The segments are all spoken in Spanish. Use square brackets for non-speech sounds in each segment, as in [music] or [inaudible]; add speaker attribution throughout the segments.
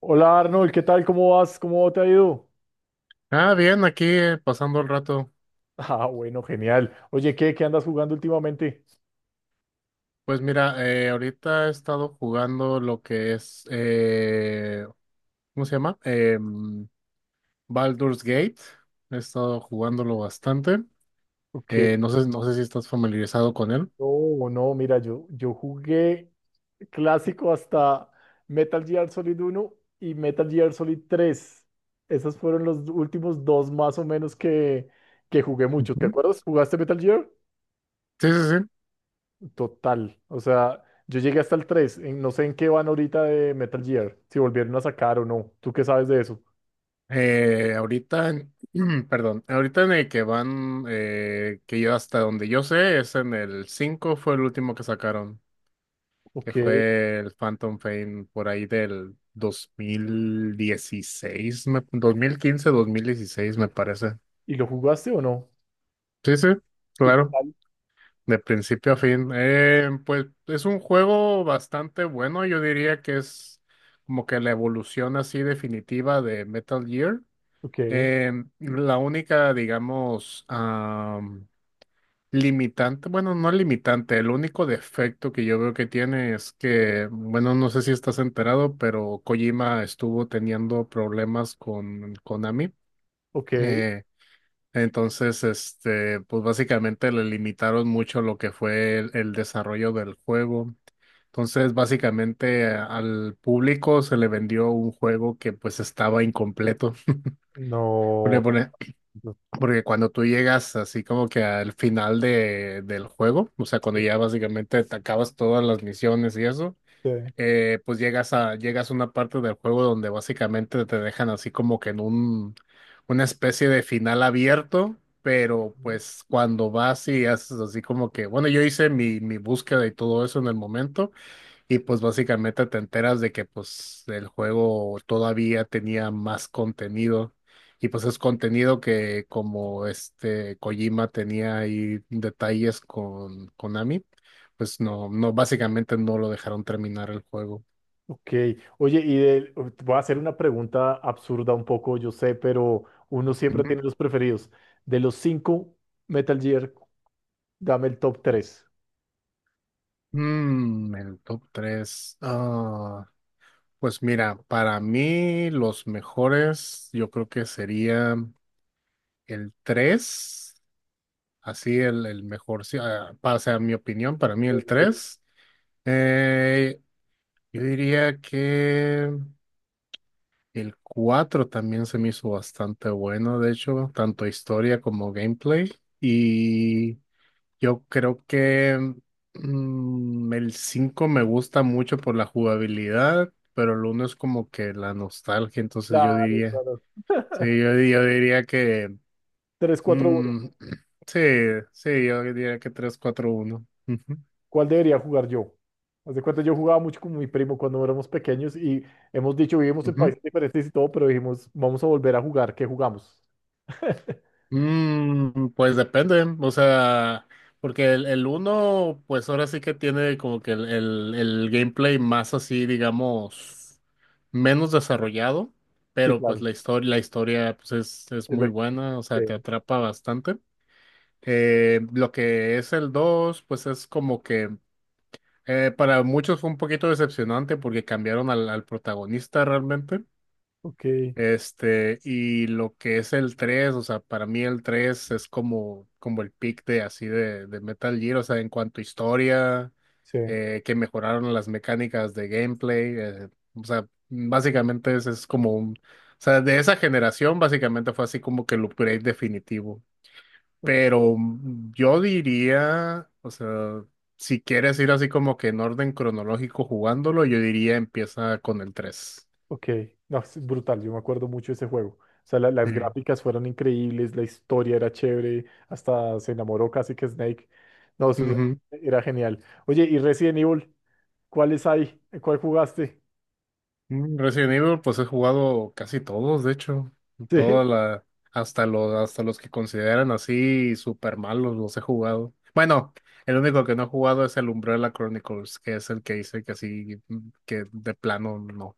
Speaker 1: Hola Arnold, ¿qué tal? ¿Cómo vas? ¿Cómo te ha ido? [laughs]
Speaker 2: Ah, bien, aquí pasando el rato.
Speaker 1: Ah, bueno, genial. Oye, ¿qué andas jugando últimamente?
Speaker 2: Pues mira, ahorita he estado jugando lo que es, ¿cómo se llama? Baldur's Gate. He estado jugándolo
Speaker 1: Eh,
Speaker 2: bastante.
Speaker 1: Ok.
Speaker 2: No sé si estás familiarizado con él.
Speaker 1: No, no, mira, yo jugué clásico hasta Metal Gear Solid uno y Metal Gear Solid tres. Esos fueron los últimos dos más o menos que jugué mucho. ¿Te
Speaker 2: Ujú.
Speaker 1: acuerdas? ¿Jugaste Metal Gear?
Speaker 2: Sí, sí, sí.
Speaker 1: Total. O sea, yo llegué hasta el 3. No sé en qué van ahorita de Metal Gear, si volvieron a sacar o no. ¿Tú qué sabes de eso?
Speaker 2: Ahorita, [clears throat] perdón, ahorita en el que van, que yo hasta donde yo sé, es en el 5. Fue el último que sacaron, que
Speaker 1: Ok.
Speaker 2: fue el Phantom Pain por ahí del 2016, 2015, 2016 me parece.
Speaker 1: ¿Y lo jugaste o no?
Speaker 2: Sí, sí,
Speaker 1: ¿Y qué
Speaker 2: claro,
Speaker 1: tal?
Speaker 2: de principio a fin. Pues es un juego bastante bueno, yo diría que es como que la evolución así definitiva de Metal Gear.
Speaker 1: Ok,
Speaker 2: Eh, la única, digamos, limitante, bueno, no limitante, el único defecto que yo veo que tiene es que, bueno, no sé si estás enterado, pero Kojima estuvo teniendo problemas con Konami.
Speaker 1: ok,
Speaker 2: Eh, entonces, este, pues básicamente le limitaron mucho lo que fue el desarrollo del juego. Entonces, básicamente al público se le vendió un juego que pues estaba incompleto. Porque,
Speaker 1: no, no
Speaker 2: porque cuando tú llegas así como que al final de, del juego, o sea, cuando ya básicamente te acabas todas las misiones y eso,
Speaker 1: sé.
Speaker 2: pues llegas a una parte del juego donde básicamente te dejan así como que en un, una especie de final abierto, pero pues cuando vas y haces así como que, bueno, yo hice mi búsqueda y todo eso en el momento, y pues básicamente te enteras de que pues el juego todavía tenía más contenido y pues es contenido que como este Kojima tenía ahí detalles con Konami, pues no, no, básicamente no lo dejaron terminar el juego.
Speaker 1: Ok, oye, voy a hacer una pregunta absurda un poco, yo sé, pero uno siempre
Speaker 2: Ujú.
Speaker 1: tiene los preferidos. De los cinco Metal Gear, dame el top tres.
Speaker 2: Mm, el top tres. Ah, pues mira, para mí los mejores yo creo que sería el tres. Así el mejor, sí, o sea, mi opinión, para mí
Speaker 1: Sí,
Speaker 2: el
Speaker 1: sí, sí.
Speaker 2: tres. Eh, yo diría que el 4 también se me hizo bastante bueno, de hecho, tanto historia como gameplay. Y yo creo que el 5 me gusta mucho por la jugabilidad, pero el uno es como que la nostalgia, entonces yo
Speaker 1: Claro,
Speaker 2: diría,
Speaker 1: claro.
Speaker 2: sí, yo diría que...
Speaker 1: Tres, cuatro, uno.
Speaker 2: mm, [clears throat] sí, sí, yo diría que tres cuatro uno.
Speaker 1: ¿Cuál debería jugar yo? Haz de cuenta, yo jugaba mucho con mi primo cuando éramos pequeños y hemos dicho, vivimos en
Speaker 2: Ujú.
Speaker 1: países diferentes y todo, pero dijimos, vamos a volver a jugar, ¿qué jugamos? [laughs]
Speaker 2: Mm, pues depende, o sea, porque el uno, pues ahora sí que tiene como que el gameplay más así, digamos, menos desarrollado,
Speaker 1: Sí,
Speaker 2: pero pues
Speaker 1: claro.
Speaker 2: la historia pues es
Speaker 1: Es
Speaker 2: muy
Speaker 1: la-
Speaker 2: buena, o sea, te
Speaker 1: sí.
Speaker 2: atrapa bastante. Lo que es el 2 pues es como que para muchos fue un poquito decepcionante porque cambiaron al protagonista realmente.
Speaker 1: Ok.
Speaker 2: Este, y lo que es el tres, o sea, para mí el 3 es como, como el pick de así de Metal Gear, o sea, en cuanto a historia,
Speaker 1: Sí,
Speaker 2: que mejoraron las mecánicas de gameplay, o sea, básicamente es como un, o sea, de esa generación básicamente fue así como que el upgrade definitivo.
Speaker 1: ok,
Speaker 2: Pero yo diría, o sea, si quieres ir así como que en orden cronológico jugándolo, yo diría empieza con el
Speaker 1: ok. No, es brutal, yo me acuerdo mucho de ese juego. O sea, las
Speaker 2: 3.
Speaker 1: gráficas fueron increíbles, la historia era chévere, hasta se enamoró casi que Snake. No, eso era genial. Oye, ¿y Resident Evil? ¿Cuáles hay? ¿Cuál jugaste?
Speaker 2: Mm, Resident Evil, pues he jugado casi todos, de hecho,
Speaker 1: Sí.
Speaker 2: toda
Speaker 1: [laughs]
Speaker 2: la, hasta los que consideran así super malos los he jugado. Bueno, el único que no he jugado es el Umbrella Chronicles, que es el que hice que así, que de plano no.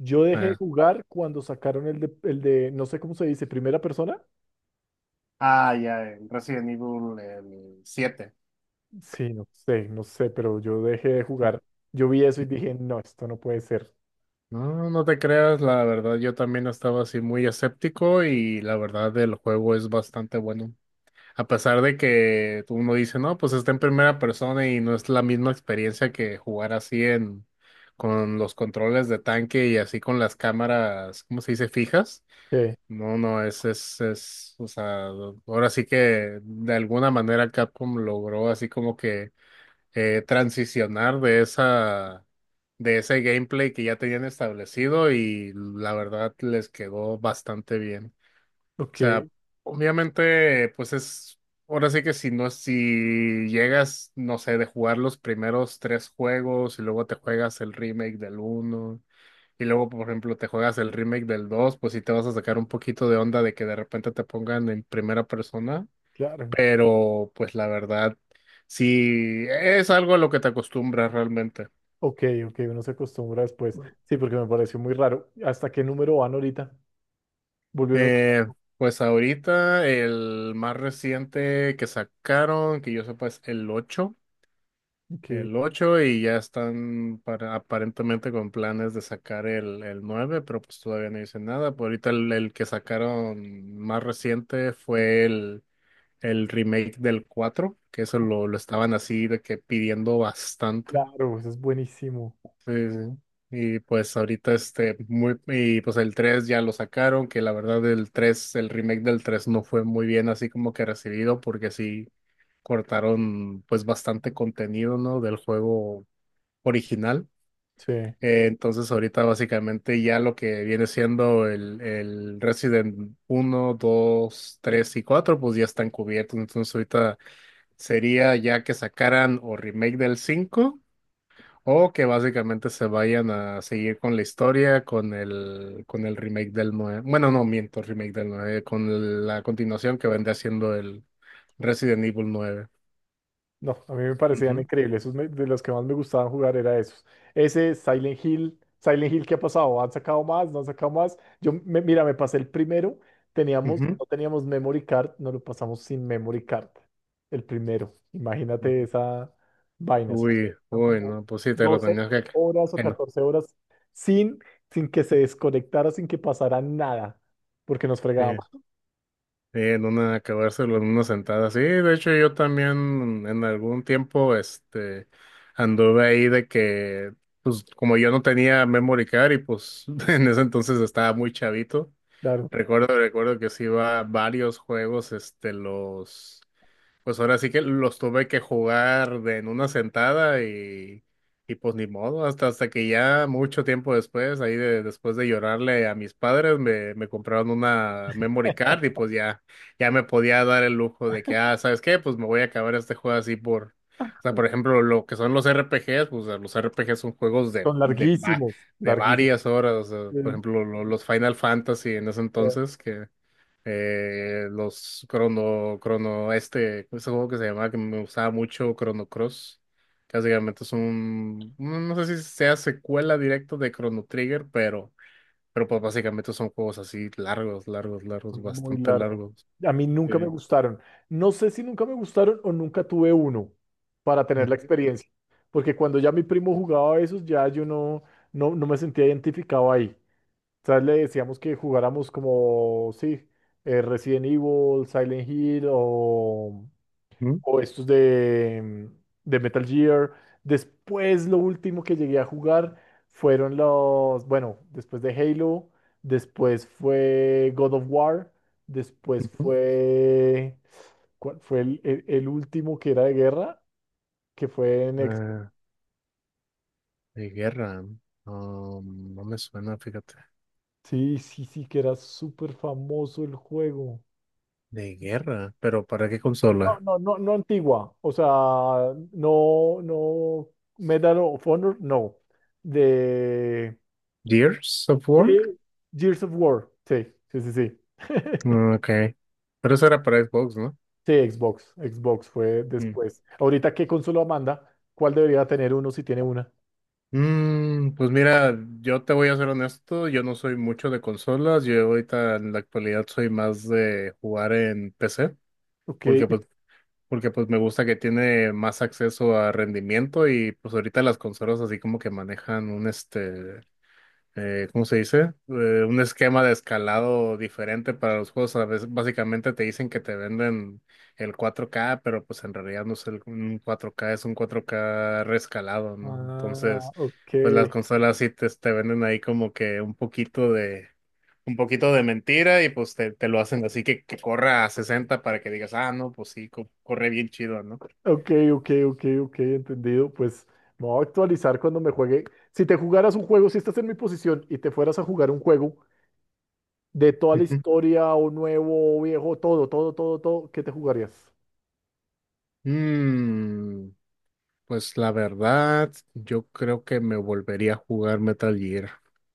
Speaker 1: Yo dejé
Speaker 2: Eh,
Speaker 1: de jugar cuando sacaron no sé cómo se dice, primera persona.
Speaker 2: ah, ya, el Resident Evil el siete.
Speaker 1: Sí, no sé, no sé, pero yo dejé de jugar. Yo vi eso y dije, no, esto no puede ser.
Speaker 2: No, no te creas, la verdad, yo también estaba así muy escéptico y la verdad el juego es bastante bueno. A pesar de que uno dice, no, pues está en primera persona y no es la misma experiencia que jugar así en con los controles de tanque y así con las cámaras, ¿cómo se dice? Fijas.
Speaker 1: Sí,
Speaker 2: No, no, es, o sea, ahora sí que de alguna manera Capcom logró así como que transicionar de esa, de ese gameplay que ya tenían establecido y la verdad les quedó bastante bien. O sea,
Speaker 1: ok,
Speaker 2: obviamente, pues es, ahora sí que si no, si llegas, no sé, de jugar los primeros tres juegos y luego te juegas el remake del uno y luego, por ejemplo, te juegas el remake del dos, pues sí te vas a sacar un poquito de onda de que de repente te pongan en primera persona,
Speaker 1: claro.
Speaker 2: pero pues la verdad, sí es algo a lo que te acostumbras realmente.
Speaker 1: Ok, ok, uno se acostumbra después. Sí, porque me pareció muy raro. ¿Hasta qué número van ahorita? Volvieron. a-
Speaker 2: Eh, pues ahorita el más reciente que sacaron, que yo sepa, es el ocho
Speaker 1: Ok,
Speaker 2: el ocho y ya están para, aparentemente con planes de sacar el nueve, pero pues todavía no dicen nada. Por ahorita el que sacaron más reciente fue el remake del 4 que eso lo estaban así de que pidiendo bastante.
Speaker 1: claro, eso es buenísimo.
Speaker 2: Sí, sí. Sí. Y pues ahorita y pues el 3 ya lo sacaron, que la verdad el remake del 3 no fue muy bien así como que recibido porque sí cortaron pues bastante contenido, ¿no? Del juego original.
Speaker 1: Sí.
Speaker 2: Entonces ahorita básicamente ya lo que viene siendo el Resident uno 2 3 y 4 pues ya están cubiertos. Entonces ahorita sería ya que sacaran o remake del 5 o que básicamente se vayan a seguir con la historia, con el remake del nueve. Bueno, no miento, remake del 9 con la continuación que vendría siendo el Resident Evil nueve.
Speaker 1: No, a mí me parecían
Speaker 2: Ujú,
Speaker 1: increíbles. Esos de los que más me gustaban jugar era esos. Ese, Silent Hill, Silent Hill, ¿qué ha pasado? ¿Han sacado más? ¿No han sacado más? Mira, me pasé el primero.
Speaker 2: ujú.
Speaker 1: No teníamos memory card, no lo pasamos sin memory card. El primero. Imagínate esa vaina. Eso
Speaker 2: Uy,
Speaker 1: son
Speaker 2: uy,
Speaker 1: como
Speaker 2: no, pues sí, te lo
Speaker 1: 12
Speaker 2: tenías
Speaker 1: horas o
Speaker 2: que no.
Speaker 1: 14 horas sin, sin que se desconectara, sin que pasara nada, porque nos
Speaker 2: Sí.
Speaker 1: fregábamos,
Speaker 2: Sí, en una, acabárselo en una sentada. Sí, de hecho yo también en algún tiempo, anduve ahí de que, pues como yo no tenía memory card y pues [laughs] en ese entonces estaba muy chavito,
Speaker 1: claro.
Speaker 2: recuerdo que sí iba a varios juegos, pues ahora sí que los tuve que jugar de en una sentada y pues ni modo, hasta que ya mucho tiempo después, ahí de, después de llorarle a mis padres, me compraron una memory card y pues ya, ya me podía dar el lujo de que, ah, ¿sabes qué? Pues me voy a acabar este juego así por, o sea, por ejemplo, lo que son los RPGs, pues los RPGs son juegos
Speaker 1: Son larguísimos,
Speaker 2: de
Speaker 1: larguísimos.
Speaker 2: varias horas, o sea,
Speaker 1: Sí.
Speaker 2: por ejemplo, los Final Fantasy en ese entonces, que los ese juego que se llamaba, que me gustaba mucho, Chrono Cross, que básicamente es un, no no sé si sea secuela directa de Chrono Trigger, pero pues básicamente son juegos así largos, largos, largos,
Speaker 1: Muy
Speaker 2: bastante
Speaker 1: largo.
Speaker 2: largos.
Speaker 1: A mí nunca me
Speaker 2: Sí.
Speaker 1: gustaron. No sé si nunca me gustaron o nunca tuve uno para tener la
Speaker 2: Ujú,
Speaker 1: experiencia. Porque cuando ya mi primo jugaba esos, ya yo no, no, no me sentía identificado ahí. O sea, le decíamos que jugáramos como, sí, Resident Evil, Silent Hill
Speaker 2: ujú,
Speaker 1: o estos de Metal Gear. Después lo último que llegué a jugar fueron los, bueno, después de Halo, después fue God of War, después
Speaker 2: ujú.
Speaker 1: fue, ¿cuál fue el último que era de guerra? Que fue en Xbox.
Speaker 2: Ah, de guerra, no me suena, fíjate,
Speaker 1: Sí, sí, sí, que era súper famoso el juego.
Speaker 2: de guerra, pero ¿para qué
Speaker 1: No,
Speaker 2: consola?
Speaker 1: no, no, no antigua, o sea, no, no, Medal of Honor, no, de
Speaker 2: Gears of War?
Speaker 1: Sí, Gears of War. Sí, sí, sí, sí. [laughs]
Speaker 2: Ah, ok, pero eso era para Xbox, ¿no?
Speaker 1: Sí, Xbox. Xbox fue después. Ahorita, ¿qué consola manda? ¿Cuál debería tener uno si tiene una?
Speaker 2: Mm, pues mira, yo te voy a ser honesto, yo no soy mucho de consolas, yo ahorita en la actualidad soy más de jugar en PC,
Speaker 1: Ok.
Speaker 2: porque
Speaker 1: y-
Speaker 2: pues, porque pues me gusta que tiene más acceso a rendimiento y pues ahorita las consolas así como que manejan un ¿cómo se dice? Un esquema de escalado diferente para los juegos. A veces básicamente te dicen que te venden el 4K pero pues en realidad no es un 4K, es un 4K reescalado, ¿no?
Speaker 1: Ah,
Speaker 2: Entonces,
Speaker 1: ok.
Speaker 2: pues las consolas sí te venden ahí como que un poquito de mentira y pues te lo hacen así que corra a 60 para que digas, ah, no, pues sí, corre bien chido, ¿no?
Speaker 1: Ok, ok, ok, ok, entendido. Pues me voy a actualizar cuando me juegue. Si te jugaras un juego, si estás en mi posición y te fueras a jugar un juego de toda la
Speaker 2: Ujú.
Speaker 1: historia, o nuevo, o viejo, todo, todo, todo, todo, ¿qué te jugarías?
Speaker 2: Mm, pues la verdad, yo creo que me volvería a jugar Metal Gear.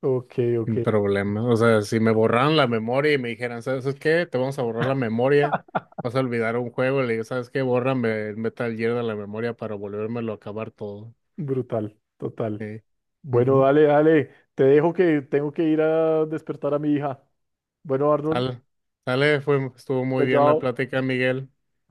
Speaker 1: Ok, ok.
Speaker 2: Sin problema. O sea, si me borraran la memoria y me dijeran, ¿sabes qué? Te vamos a borrar la memoria. Vas a olvidar un juego. Le digo, ¿sabes qué? Bórrame el Metal Gear de la memoria para volvérmelo a acabar todo.
Speaker 1: Brutal, total.
Speaker 2: Sí.
Speaker 1: Bueno,
Speaker 2: Ujú.
Speaker 1: dale, dale. Te dejo que tengo que ir a despertar a mi hija. Bueno, Arnold,
Speaker 2: Sale. Sale, fue, estuvo
Speaker 1: chao,
Speaker 2: muy bien la
Speaker 1: chao.
Speaker 2: plática, Miguel.